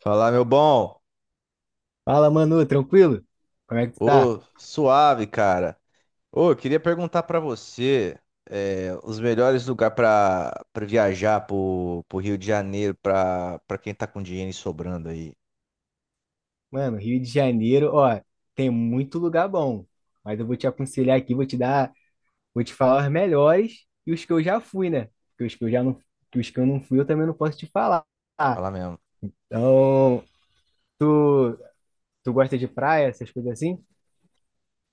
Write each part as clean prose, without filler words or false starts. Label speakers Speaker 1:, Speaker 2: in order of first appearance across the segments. Speaker 1: Fala, meu bom.
Speaker 2: Fala, Manu, tranquilo? Como é que tu tá?
Speaker 1: Ô, suave, cara. Ô, eu queria perguntar pra você os melhores lugares pra para viajar pro Rio de Janeiro pra para quem tá com dinheiro sobrando aí.
Speaker 2: Mano, Rio de Janeiro, ó, tem muito lugar bom, mas eu vou te aconselhar aqui, vou te dar, vou te falar os melhores e os que eu já fui, né? Porque os que eu já não, que os que eu não fui, eu também não posso te falar.
Speaker 1: Fala mesmo.
Speaker 2: Então, tu, tu gosta de praia, essas coisas assim?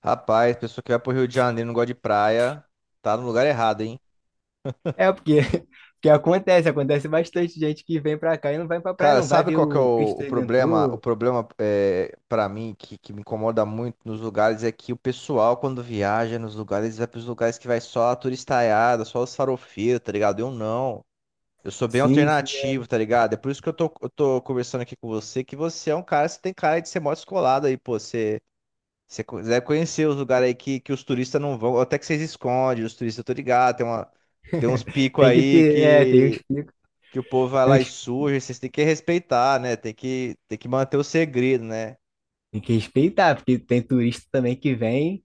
Speaker 1: Rapaz, pessoa que vai pro Rio de Janeiro e não gosta de praia, tá no lugar errado, hein?
Speaker 2: É, porque, porque acontece bastante gente que vem pra cá e não vai pra praia,
Speaker 1: Cara,
Speaker 2: não. Vai
Speaker 1: sabe
Speaker 2: ver
Speaker 1: qual que é
Speaker 2: o
Speaker 1: o,
Speaker 2: Cristo
Speaker 1: o problema? O
Speaker 2: Redentor,
Speaker 1: problema é, para mim que me incomoda muito nos lugares é que o pessoal quando viaja nos lugares vai pros lugares que vai só a turistaiada, só os farofeiros, tá ligado? Eu não. Eu sou bem
Speaker 2: sim, sim.
Speaker 1: alternativo, tá ligado? É por isso que eu tô conversando aqui com você, que você é um cara, você tem cara de ser mó descolado aí, pô. Você deve conhecer os lugares aí que os turistas não vão, até que vocês escondem, os turistas, eu tô ligado, tem uns picos
Speaker 2: Tem que
Speaker 1: aí
Speaker 2: ter, é, tem uns
Speaker 1: que,
Speaker 2: picos.
Speaker 1: que o povo vai lá e suja, vocês têm que respeitar, né? Tem que manter o segredo, né?
Speaker 2: Tem que respeitar, porque tem turista também que vem,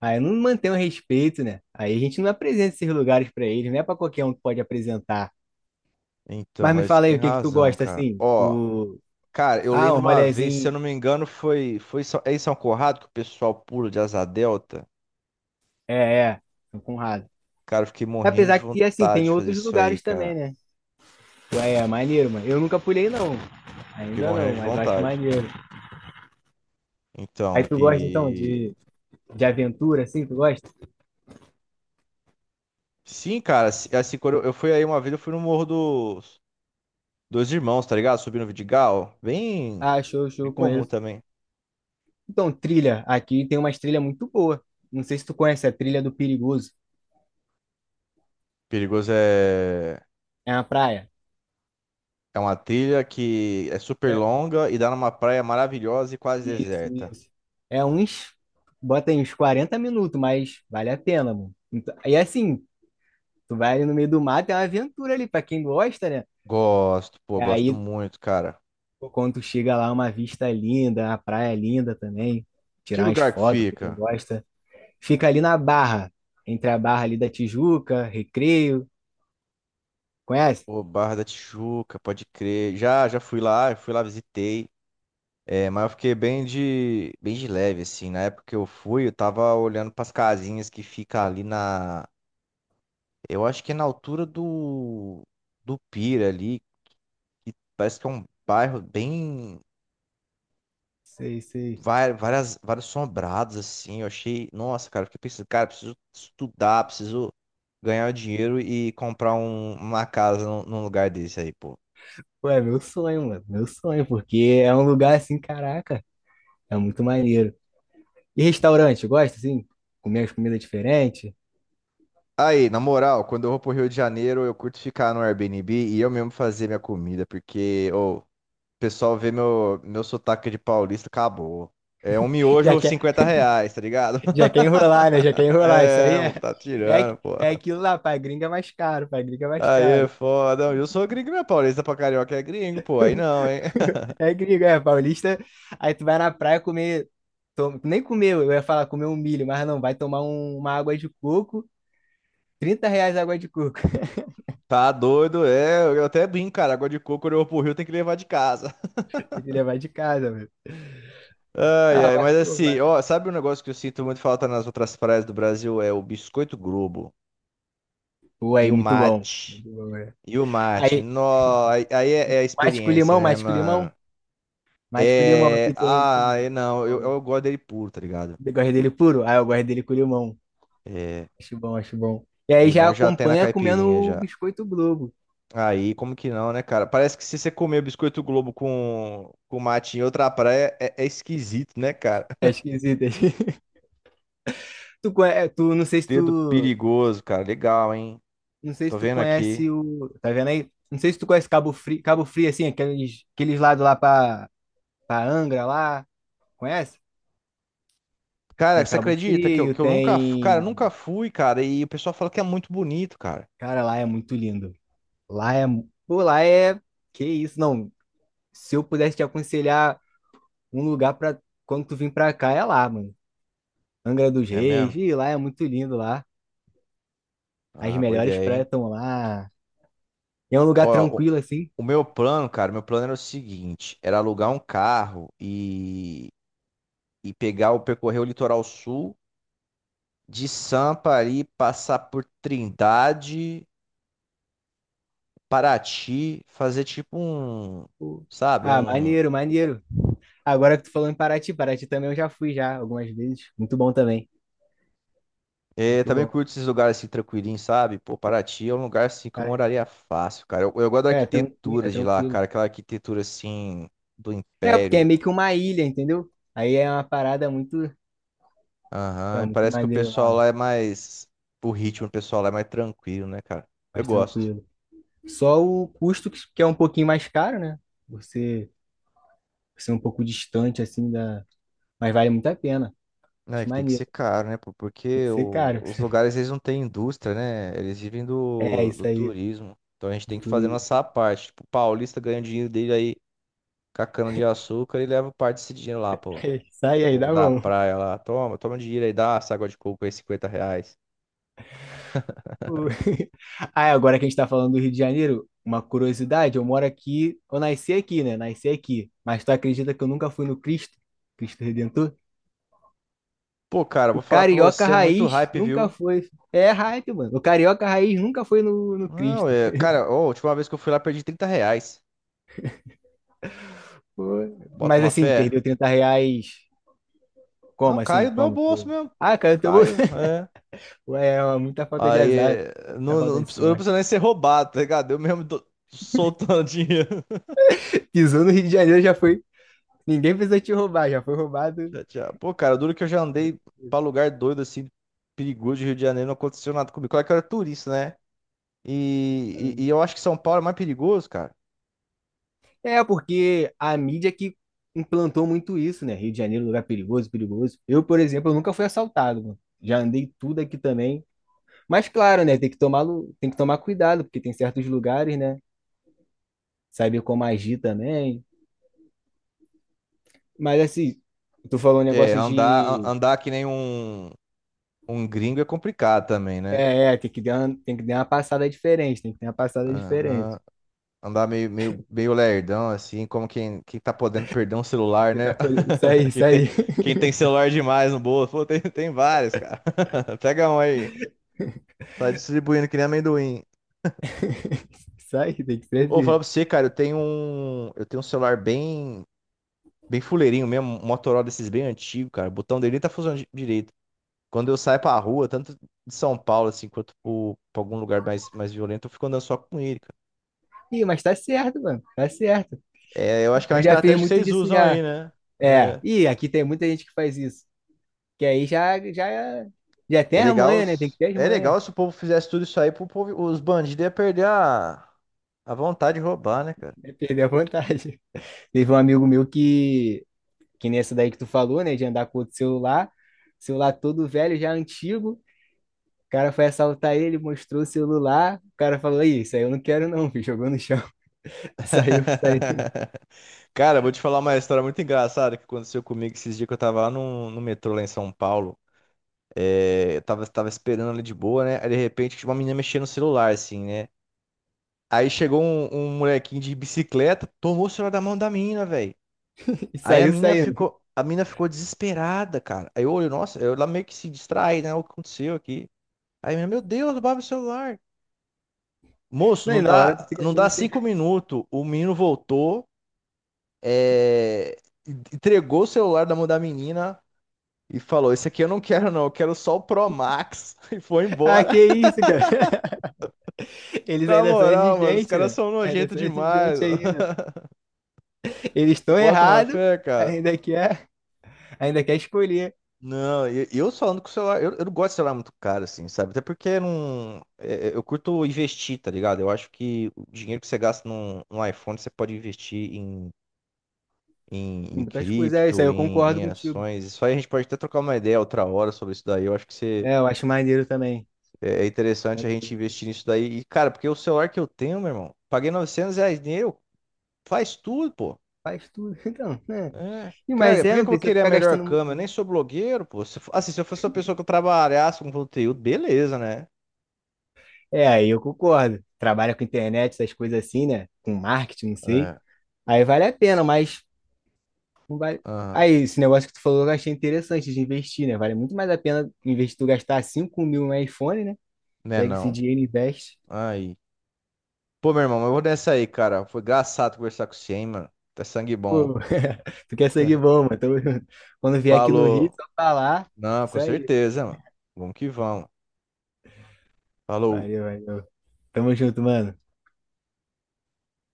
Speaker 2: aí não mantém o respeito, né? Aí a gente não apresenta esses lugares pra eles, não é pra qualquer um que pode apresentar.
Speaker 1: Então,
Speaker 2: Mas me
Speaker 1: mas você
Speaker 2: fala aí,
Speaker 1: tem
Speaker 2: o que que tu
Speaker 1: razão,
Speaker 2: gosta,
Speaker 1: cara.
Speaker 2: assim?
Speaker 1: Ó,
Speaker 2: Tu...
Speaker 1: cara, eu
Speaker 2: Ah,
Speaker 1: lembro
Speaker 2: um
Speaker 1: uma vez, se eu
Speaker 2: rolezinho.
Speaker 1: não me engano, foi em São Corrado que o pessoal pula de asa delta.
Speaker 2: É, é, São Conrado.
Speaker 1: Cara, eu fiquei morrendo de
Speaker 2: Apesar que, assim,
Speaker 1: vontade
Speaker 2: tem
Speaker 1: de fazer
Speaker 2: outros
Speaker 1: isso aí,
Speaker 2: lugares também,
Speaker 1: cara.
Speaker 2: né? Ué, é maneiro, mano. Eu nunca pulei, não.
Speaker 1: Fiquei
Speaker 2: Ainda
Speaker 1: morrendo
Speaker 2: não,
Speaker 1: de
Speaker 2: mas eu acho
Speaker 1: vontade.
Speaker 2: maneiro. Aí
Speaker 1: Então,
Speaker 2: tu gosta, então,
Speaker 1: e.
Speaker 2: de aventura, assim? Tu gosta?
Speaker 1: Sim, cara, assim, quando eu fui aí uma vez, eu fui no Morro dos Dois Irmãos, tá ligado? Subi no Vidigal. Bem,
Speaker 2: Ah, show,
Speaker 1: bem
Speaker 2: show,
Speaker 1: comum
Speaker 2: conheço.
Speaker 1: também.
Speaker 2: Então, trilha. Aqui tem umas trilhas muito boas. Não sei se tu conhece a trilha do Perigoso.
Speaker 1: Perigoso é.
Speaker 2: É uma praia.
Speaker 1: É uma trilha que é super
Speaker 2: É,
Speaker 1: longa e dá numa praia maravilhosa e quase
Speaker 2: isso,
Speaker 1: deserta.
Speaker 2: isso. É uns, bota aí uns 40 minutos, mas vale a pena, mano. Então, e assim, tu vai ali no meio do mato, é uma aventura ali, pra quem gosta, né?
Speaker 1: Gosto, pô,
Speaker 2: E
Speaker 1: gosto
Speaker 2: aí,
Speaker 1: muito, cara.
Speaker 2: pô, quando tu chega lá, uma vista linda, a praia é linda também,
Speaker 1: Que
Speaker 2: tirar umas
Speaker 1: lugar que
Speaker 2: fotos pra quem
Speaker 1: fica?
Speaker 2: gosta. Fica ali na Barra, entre a Barra ali da Tijuca, Recreio, conhece?
Speaker 1: Pô, Barra da Tijuca, pode crer. Já, já fui lá, visitei. É, mas eu fiquei bem de leve, assim. Na época que eu fui, eu tava olhando pras casinhas que fica ali na. Eu acho que é na altura do. Do Pira ali, que parece que é um bairro bem.
Speaker 2: Sei, sei.
Speaker 1: Vários sombrados, assim. Eu achei. Nossa, cara, eu fiquei pensando, cara, preciso estudar, preciso ganhar dinheiro e comprar uma casa num lugar desse aí, pô.
Speaker 2: Pô, é meu sonho, mano, meu sonho, porque é um lugar assim, caraca, é muito maneiro. E restaurante, gosta assim? Comer as comidas diferentes?
Speaker 1: Aí, na moral, quando eu vou pro Rio de Janeiro, eu curto ficar no Airbnb e eu mesmo fazer minha comida, porque, ô. Pessoal vê meu sotaque de paulista, acabou. É um miojo
Speaker 2: Já
Speaker 1: ou
Speaker 2: quer,
Speaker 1: R$ 50, tá ligado?
Speaker 2: já quer enrolar, né? Já quer enrolar. Isso aí
Speaker 1: É, vou
Speaker 2: é,
Speaker 1: tá
Speaker 2: é,
Speaker 1: tirando,
Speaker 2: aqu-
Speaker 1: pô.
Speaker 2: é aquilo lá, pra gringa é mais caro, pra gringa é mais
Speaker 1: Aí é
Speaker 2: caro.
Speaker 1: foda. Não, eu sou gringo, não é paulista pra carioca é gringo, pô. Aí não, hein?
Speaker 2: É gringa, é paulista. Aí tu vai na praia comer, to- nem comer, eu ia falar comer um milho, mas não, vai tomar uma água de coco, R$ 30 a água de coco.
Speaker 1: Tá doido, é. Eu até brinco, cara. Água de coco, quando eu vou pro Rio, tem que levar de casa.
Speaker 2: Tem que levar de casa, velho.
Speaker 1: Ai,
Speaker 2: Ah,
Speaker 1: ai. Mas assim,
Speaker 2: mas...
Speaker 1: ó, sabe um negócio que eu sinto muito falta nas outras praias do Brasil? É o biscoito Globo
Speaker 2: pô,
Speaker 1: e
Speaker 2: aí,
Speaker 1: o
Speaker 2: muito bom.
Speaker 1: mate.
Speaker 2: Muito bom, né?
Speaker 1: E o mate.
Speaker 2: Aí,
Speaker 1: Nó, aí é a
Speaker 2: mate com
Speaker 1: experiência,
Speaker 2: limão,
Speaker 1: né,
Speaker 2: mate com
Speaker 1: mano?
Speaker 2: limão, mate com limão,
Speaker 1: É.
Speaker 2: aqui tem,
Speaker 1: Ah,
Speaker 2: pô.
Speaker 1: é, não, eu gosto dele puro, tá ligado?
Speaker 2: Eu gosto dele puro. Ah, eu gosto dele com limão.
Speaker 1: É.
Speaker 2: Acho bom, acho bom. E aí já
Speaker 1: Limão já tem na
Speaker 2: acompanha comendo
Speaker 1: caipirinha
Speaker 2: o
Speaker 1: já.
Speaker 2: biscoito Globo.
Speaker 1: Aí, como que não, né, cara? Parece que se você comer biscoito Globo com mate em outra praia, é esquisito, né, cara?
Speaker 2: É esquisito. é Tu, conhe- é, tu, não sei se
Speaker 1: Dedo
Speaker 2: tu,
Speaker 1: perigoso, cara. Legal, hein?
Speaker 2: não sei
Speaker 1: Tô
Speaker 2: se tu
Speaker 1: vendo aqui.
Speaker 2: conhece o, tá vendo aí? Não sei se tu conhece Cabo Frio, Cabo Frio assim, aqueles lados lá pra Angra lá, conhece?
Speaker 1: Cara,
Speaker 2: Tem
Speaker 1: você
Speaker 2: Cabo
Speaker 1: acredita que eu,
Speaker 2: Frio,
Speaker 1: que eu nunca, cara,
Speaker 2: tem,
Speaker 1: eu nunca fui, cara, e o pessoal fala que é muito bonito, cara.
Speaker 2: cara, lá é muito lindo. Lá é, pô, lá é, que isso, não. Se eu pudesse te aconselhar um lugar pra quando tu vir pra cá é lá, mano. Angra dos
Speaker 1: É
Speaker 2: Reis,
Speaker 1: mesmo?
Speaker 2: e lá é muito lindo lá. As
Speaker 1: Ah, boa
Speaker 2: melhores
Speaker 1: ideia,
Speaker 2: praias
Speaker 1: hein?
Speaker 2: estão lá. E é um
Speaker 1: Ó,
Speaker 2: lugar
Speaker 1: o,
Speaker 2: tranquilo assim.
Speaker 1: o meu plano, cara, meu plano era o seguinte, era alugar um carro e pegar o percorrer o litoral sul de Sampa ali, passar por Trindade, Paraty, fazer tipo um,
Speaker 2: Pô.
Speaker 1: sabe,
Speaker 2: Ah,
Speaker 1: um
Speaker 2: maneiro, maneiro. Agora que tu falou em Paraty, Paraty também eu já fui já algumas vezes. Muito bom também. Muito
Speaker 1: também
Speaker 2: bom.
Speaker 1: curto esses lugares assim tranquilinhos, sabe? Pô, Paraty é um lugar assim que eu
Speaker 2: Paraty-
Speaker 1: moraria fácil, cara. Eu gosto da
Speaker 2: É, tranquilo, é
Speaker 1: arquitetura de lá,
Speaker 2: tranquilo.
Speaker 1: cara, aquela arquitetura assim do
Speaker 2: É, porque é
Speaker 1: Império.
Speaker 2: meio que uma ilha, entendeu? Aí é uma parada muito, pô,
Speaker 1: Aham,
Speaker 2: é
Speaker 1: e
Speaker 2: muito
Speaker 1: parece que
Speaker 2: maneiro lá, mano.
Speaker 1: o ritmo do pessoal lá é mais tranquilo, né, cara? Eu
Speaker 2: Mais
Speaker 1: gosto.
Speaker 2: tranquilo. Só o custo que é um pouquinho mais caro, né? Você ser um pouco distante assim da, mas vale muito a pena.
Speaker 1: É,
Speaker 2: Acho
Speaker 1: que tem que
Speaker 2: maneiro.
Speaker 1: ser caro, né? Pô?
Speaker 2: Tem
Speaker 1: Porque
Speaker 2: que ser caro.
Speaker 1: os lugares, eles não têm indústria, né? Eles vivem
Speaker 2: É
Speaker 1: do,
Speaker 2: isso
Speaker 1: do
Speaker 2: aí.
Speaker 1: turismo. Então a gente tem que fazer a
Speaker 2: Dois.
Speaker 1: nossa parte. Tipo, o paulista ganha o dinheiro dele aí com a cana de açúcar e leva parte desse dinheiro lá, pô.
Speaker 2: Sai aí,
Speaker 1: Pô,
Speaker 2: dá
Speaker 1: da
Speaker 2: bom.
Speaker 1: praia lá. Toma, toma um dinheiro aí, dá essa água de coco aí, R$ 50.
Speaker 2: O- Ah, é, agora que a gente tá falando do Rio de Janeiro, uma curiosidade, eu moro aqui, eu nasci aqui, né? Nasci aqui. Mas tu acredita que eu nunca fui no Cristo? Cristo Redentor?
Speaker 1: Pô, cara,
Speaker 2: O
Speaker 1: vou falar pra
Speaker 2: carioca
Speaker 1: você, é muito
Speaker 2: raiz
Speaker 1: hype,
Speaker 2: nunca
Speaker 1: viu?
Speaker 2: foi. É hype, mano. O carioca raiz nunca foi no
Speaker 1: Não,
Speaker 2: Cristo.
Speaker 1: Cara, ó, a última vez que eu fui lá, perdi R$ 30.
Speaker 2: Pô.
Speaker 1: Bota
Speaker 2: Mas
Speaker 1: uma
Speaker 2: assim,
Speaker 1: fé.
Speaker 2: perdeu R$ 30.
Speaker 1: Não,
Speaker 2: Como assim?
Speaker 1: caiu do meu
Speaker 2: Como?
Speaker 1: bolso
Speaker 2: Pô?
Speaker 1: mesmo.
Speaker 2: Ah, cara, eu tô...
Speaker 1: Caiu, é.
Speaker 2: Ué, é uma muita falta de
Speaker 1: Aí
Speaker 2: azar.
Speaker 1: é,
Speaker 2: Muita
Speaker 1: não,
Speaker 2: falta
Speaker 1: não,
Speaker 2: de
Speaker 1: eu não
Speaker 2: sorte.
Speaker 1: precisa nem ser roubado, tá ligado? Eu mesmo tô soltando dinheiro.
Speaker 2: Pisou no Rio de Janeiro, já foi. Ninguém precisou te roubar, já foi roubado.
Speaker 1: Já, já. Pô, cara, duro que eu já andei pra lugar doido assim, perigoso de Rio de Janeiro, não aconteceu nada comigo. Claro que eu era turista, né? E eu acho que São Paulo é mais perigoso, cara.
Speaker 2: É, porque a mídia que implantou muito isso, né? Rio de Janeiro, lugar perigoso, perigoso. Eu, por exemplo, eu nunca fui assaltado, mano. Já andei tudo aqui também. Mas claro, né? Tem que tomar cuidado, porque tem certos lugares, né? Saber como agir também. Mas assim, tu falou um
Speaker 1: É,
Speaker 2: negócio de.
Speaker 1: andar que nem um gringo é complicado também, né?
Speaker 2: É, tem que dar uma passada diferente, tem que ter uma passada diferente.
Speaker 1: Aham. Andar meio, meio, meio lerdão, assim, como quem tá podendo perder um celular, né?
Speaker 2: Isso aí,
Speaker 1: Quem
Speaker 2: isso aí.
Speaker 1: tem, quem tem celular demais no bolso. Pô, tem vários, cara. Pega um aí. Tá distribuindo que nem amendoim.
Speaker 2: Isso aí, tem que ser
Speaker 1: Ô, falar
Speaker 2: assim.
Speaker 1: pra você, cara, eu tenho um. Eu tenho um celular bem, bem fuleirinho mesmo, um Motorola desses bem antigo, cara. O botão dele nem tá funcionando direito. Quando eu saio pra rua, tanto de São Paulo, assim, quanto pra algum lugar mais violento, eu fico andando só com ele, cara.
Speaker 2: Ih, mas tá certo, mano. Tá certo.
Speaker 1: É, eu acho que é uma
Speaker 2: Eu já fiz
Speaker 1: estratégia que
Speaker 2: muito
Speaker 1: vocês
Speaker 2: disso
Speaker 1: usam
Speaker 2: já.
Speaker 1: aí, né?
Speaker 2: É,
Speaker 1: É.
Speaker 2: e aqui tem muita gente que faz isso. Que aí já tem
Speaker 1: É
Speaker 2: as
Speaker 1: legal,
Speaker 2: manhas, né? Tem que ter as
Speaker 1: é
Speaker 2: manhas.
Speaker 1: legal se o povo fizesse tudo isso aí, os bandidos iam perder a vontade de roubar, né, cara?
Speaker 2: É perder a vontade. Teve um amigo meu que nessa daí que tu falou, né? De andar com outro celular. Celular todo velho, já antigo. O cara foi assaltar ele, mostrou o celular. O cara falou, aí, isso aí eu não quero não, filho. Jogou no chão. Saiu, saiu.
Speaker 1: Cara, eu vou te falar uma história muito engraçada que aconteceu comigo esses dias que eu tava lá no metrô lá em São Paulo. É, eu tava esperando ali de boa, né? Aí de repente tinha uma menina mexendo no celular, assim, né? Aí chegou um molequinho de bicicleta, tomou o celular da mão da menina, velho.
Speaker 2: E
Speaker 1: Aí a
Speaker 2: saiu,
Speaker 1: menina
Speaker 2: saindo.
Speaker 1: ficou, a menina ficou desesperada, cara. Aí eu olho, nossa, eu lá meio que se distrai, né? O que aconteceu aqui? Aí, meu Deus, roubaram o celular. Moço,
Speaker 2: Não, e
Speaker 1: não
Speaker 2: na hora tu
Speaker 1: dá,
Speaker 2: fica
Speaker 1: não
Speaker 2: assim,
Speaker 1: dá
Speaker 2: assim,
Speaker 1: 5 minutos. O menino voltou, é, entregou o celular da mão da menina e falou: Esse aqui eu não quero, não. Eu quero só o Pro Max. E foi
Speaker 2: ah,
Speaker 1: embora.
Speaker 2: que isso, cara. Eles
Speaker 1: Na
Speaker 2: ainda são
Speaker 1: moral, mano, os
Speaker 2: exigentes,
Speaker 1: caras
Speaker 2: né?
Speaker 1: são
Speaker 2: Ainda
Speaker 1: nojentos
Speaker 2: são
Speaker 1: demais.
Speaker 2: exigentes ainda. Eles estão
Speaker 1: Bota uma
Speaker 2: errados,
Speaker 1: fé, cara.
Speaker 2: ainda quer, ainda quer escolher.
Speaker 1: Não, e eu falando com o celular, eu não gosto de celular muito caro, assim, sabe? Até porque eu não, é, é, eu curto investir, tá ligado? Eu acho que o dinheiro que você gasta num iPhone, você pode investir em em,
Speaker 2: Tem
Speaker 1: em
Speaker 2: muitas coisas, é isso aí,
Speaker 1: cripto,
Speaker 2: eu
Speaker 1: em,
Speaker 2: concordo
Speaker 1: em
Speaker 2: contigo.
Speaker 1: ações. Isso aí a gente pode até trocar uma ideia outra hora sobre isso daí. Eu acho que
Speaker 2: É, eu acho maneiro também.
Speaker 1: é interessante a gente investir nisso daí. E, cara, porque o celular que eu tenho, meu irmão, paguei R$ 900 nele, faz tudo, pô.
Speaker 2: Faz tudo, então, né?
Speaker 1: É.
Speaker 2: Mas
Speaker 1: Cara, por que
Speaker 2: não
Speaker 1: que eu vou
Speaker 2: precisa
Speaker 1: querer a
Speaker 2: ficar
Speaker 1: melhor
Speaker 2: gastando
Speaker 1: câmera? Eu nem
Speaker 2: muito.
Speaker 1: sou blogueiro, pô. Se eu fosse uma pessoa que eu trabalhasse com conteúdo, beleza, né?
Speaker 2: É, aí eu concordo. Trabalha com internet, essas coisas assim, né? Com marketing, não sei.
Speaker 1: É.
Speaker 2: Aí vale a pena, mas não vale.
Speaker 1: Aham.
Speaker 2: Aí, esse negócio que tu falou, eu achei interessante de investir, né? Vale muito mais a pena investir tu gastar 5 mil no iPhone, né?
Speaker 1: Né,
Speaker 2: Pega esse
Speaker 1: não?
Speaker 2: dinheiro e investe.
Speaker 1: Aí. Pô, meu irmão, mas eu vou nessa aí, cara. Foi engraçado conversar com você, hein, mano. Tá sangue bom.
Speaker 2: Pô, tu quer seguir bom, mano. Tamo junto. Quando vier aqui no Rio,
Speaker 1: Falou.
Speaker 2: só falar.
Speaker 1: Não,
Speaker 2: Isso
Speaker 1: com
Speaker 2: aí.
Speaker 1: certeza, mano. Vamos que vamos. Falou.
Speaker 2: Valeu, valeu. Tamo junto, mano.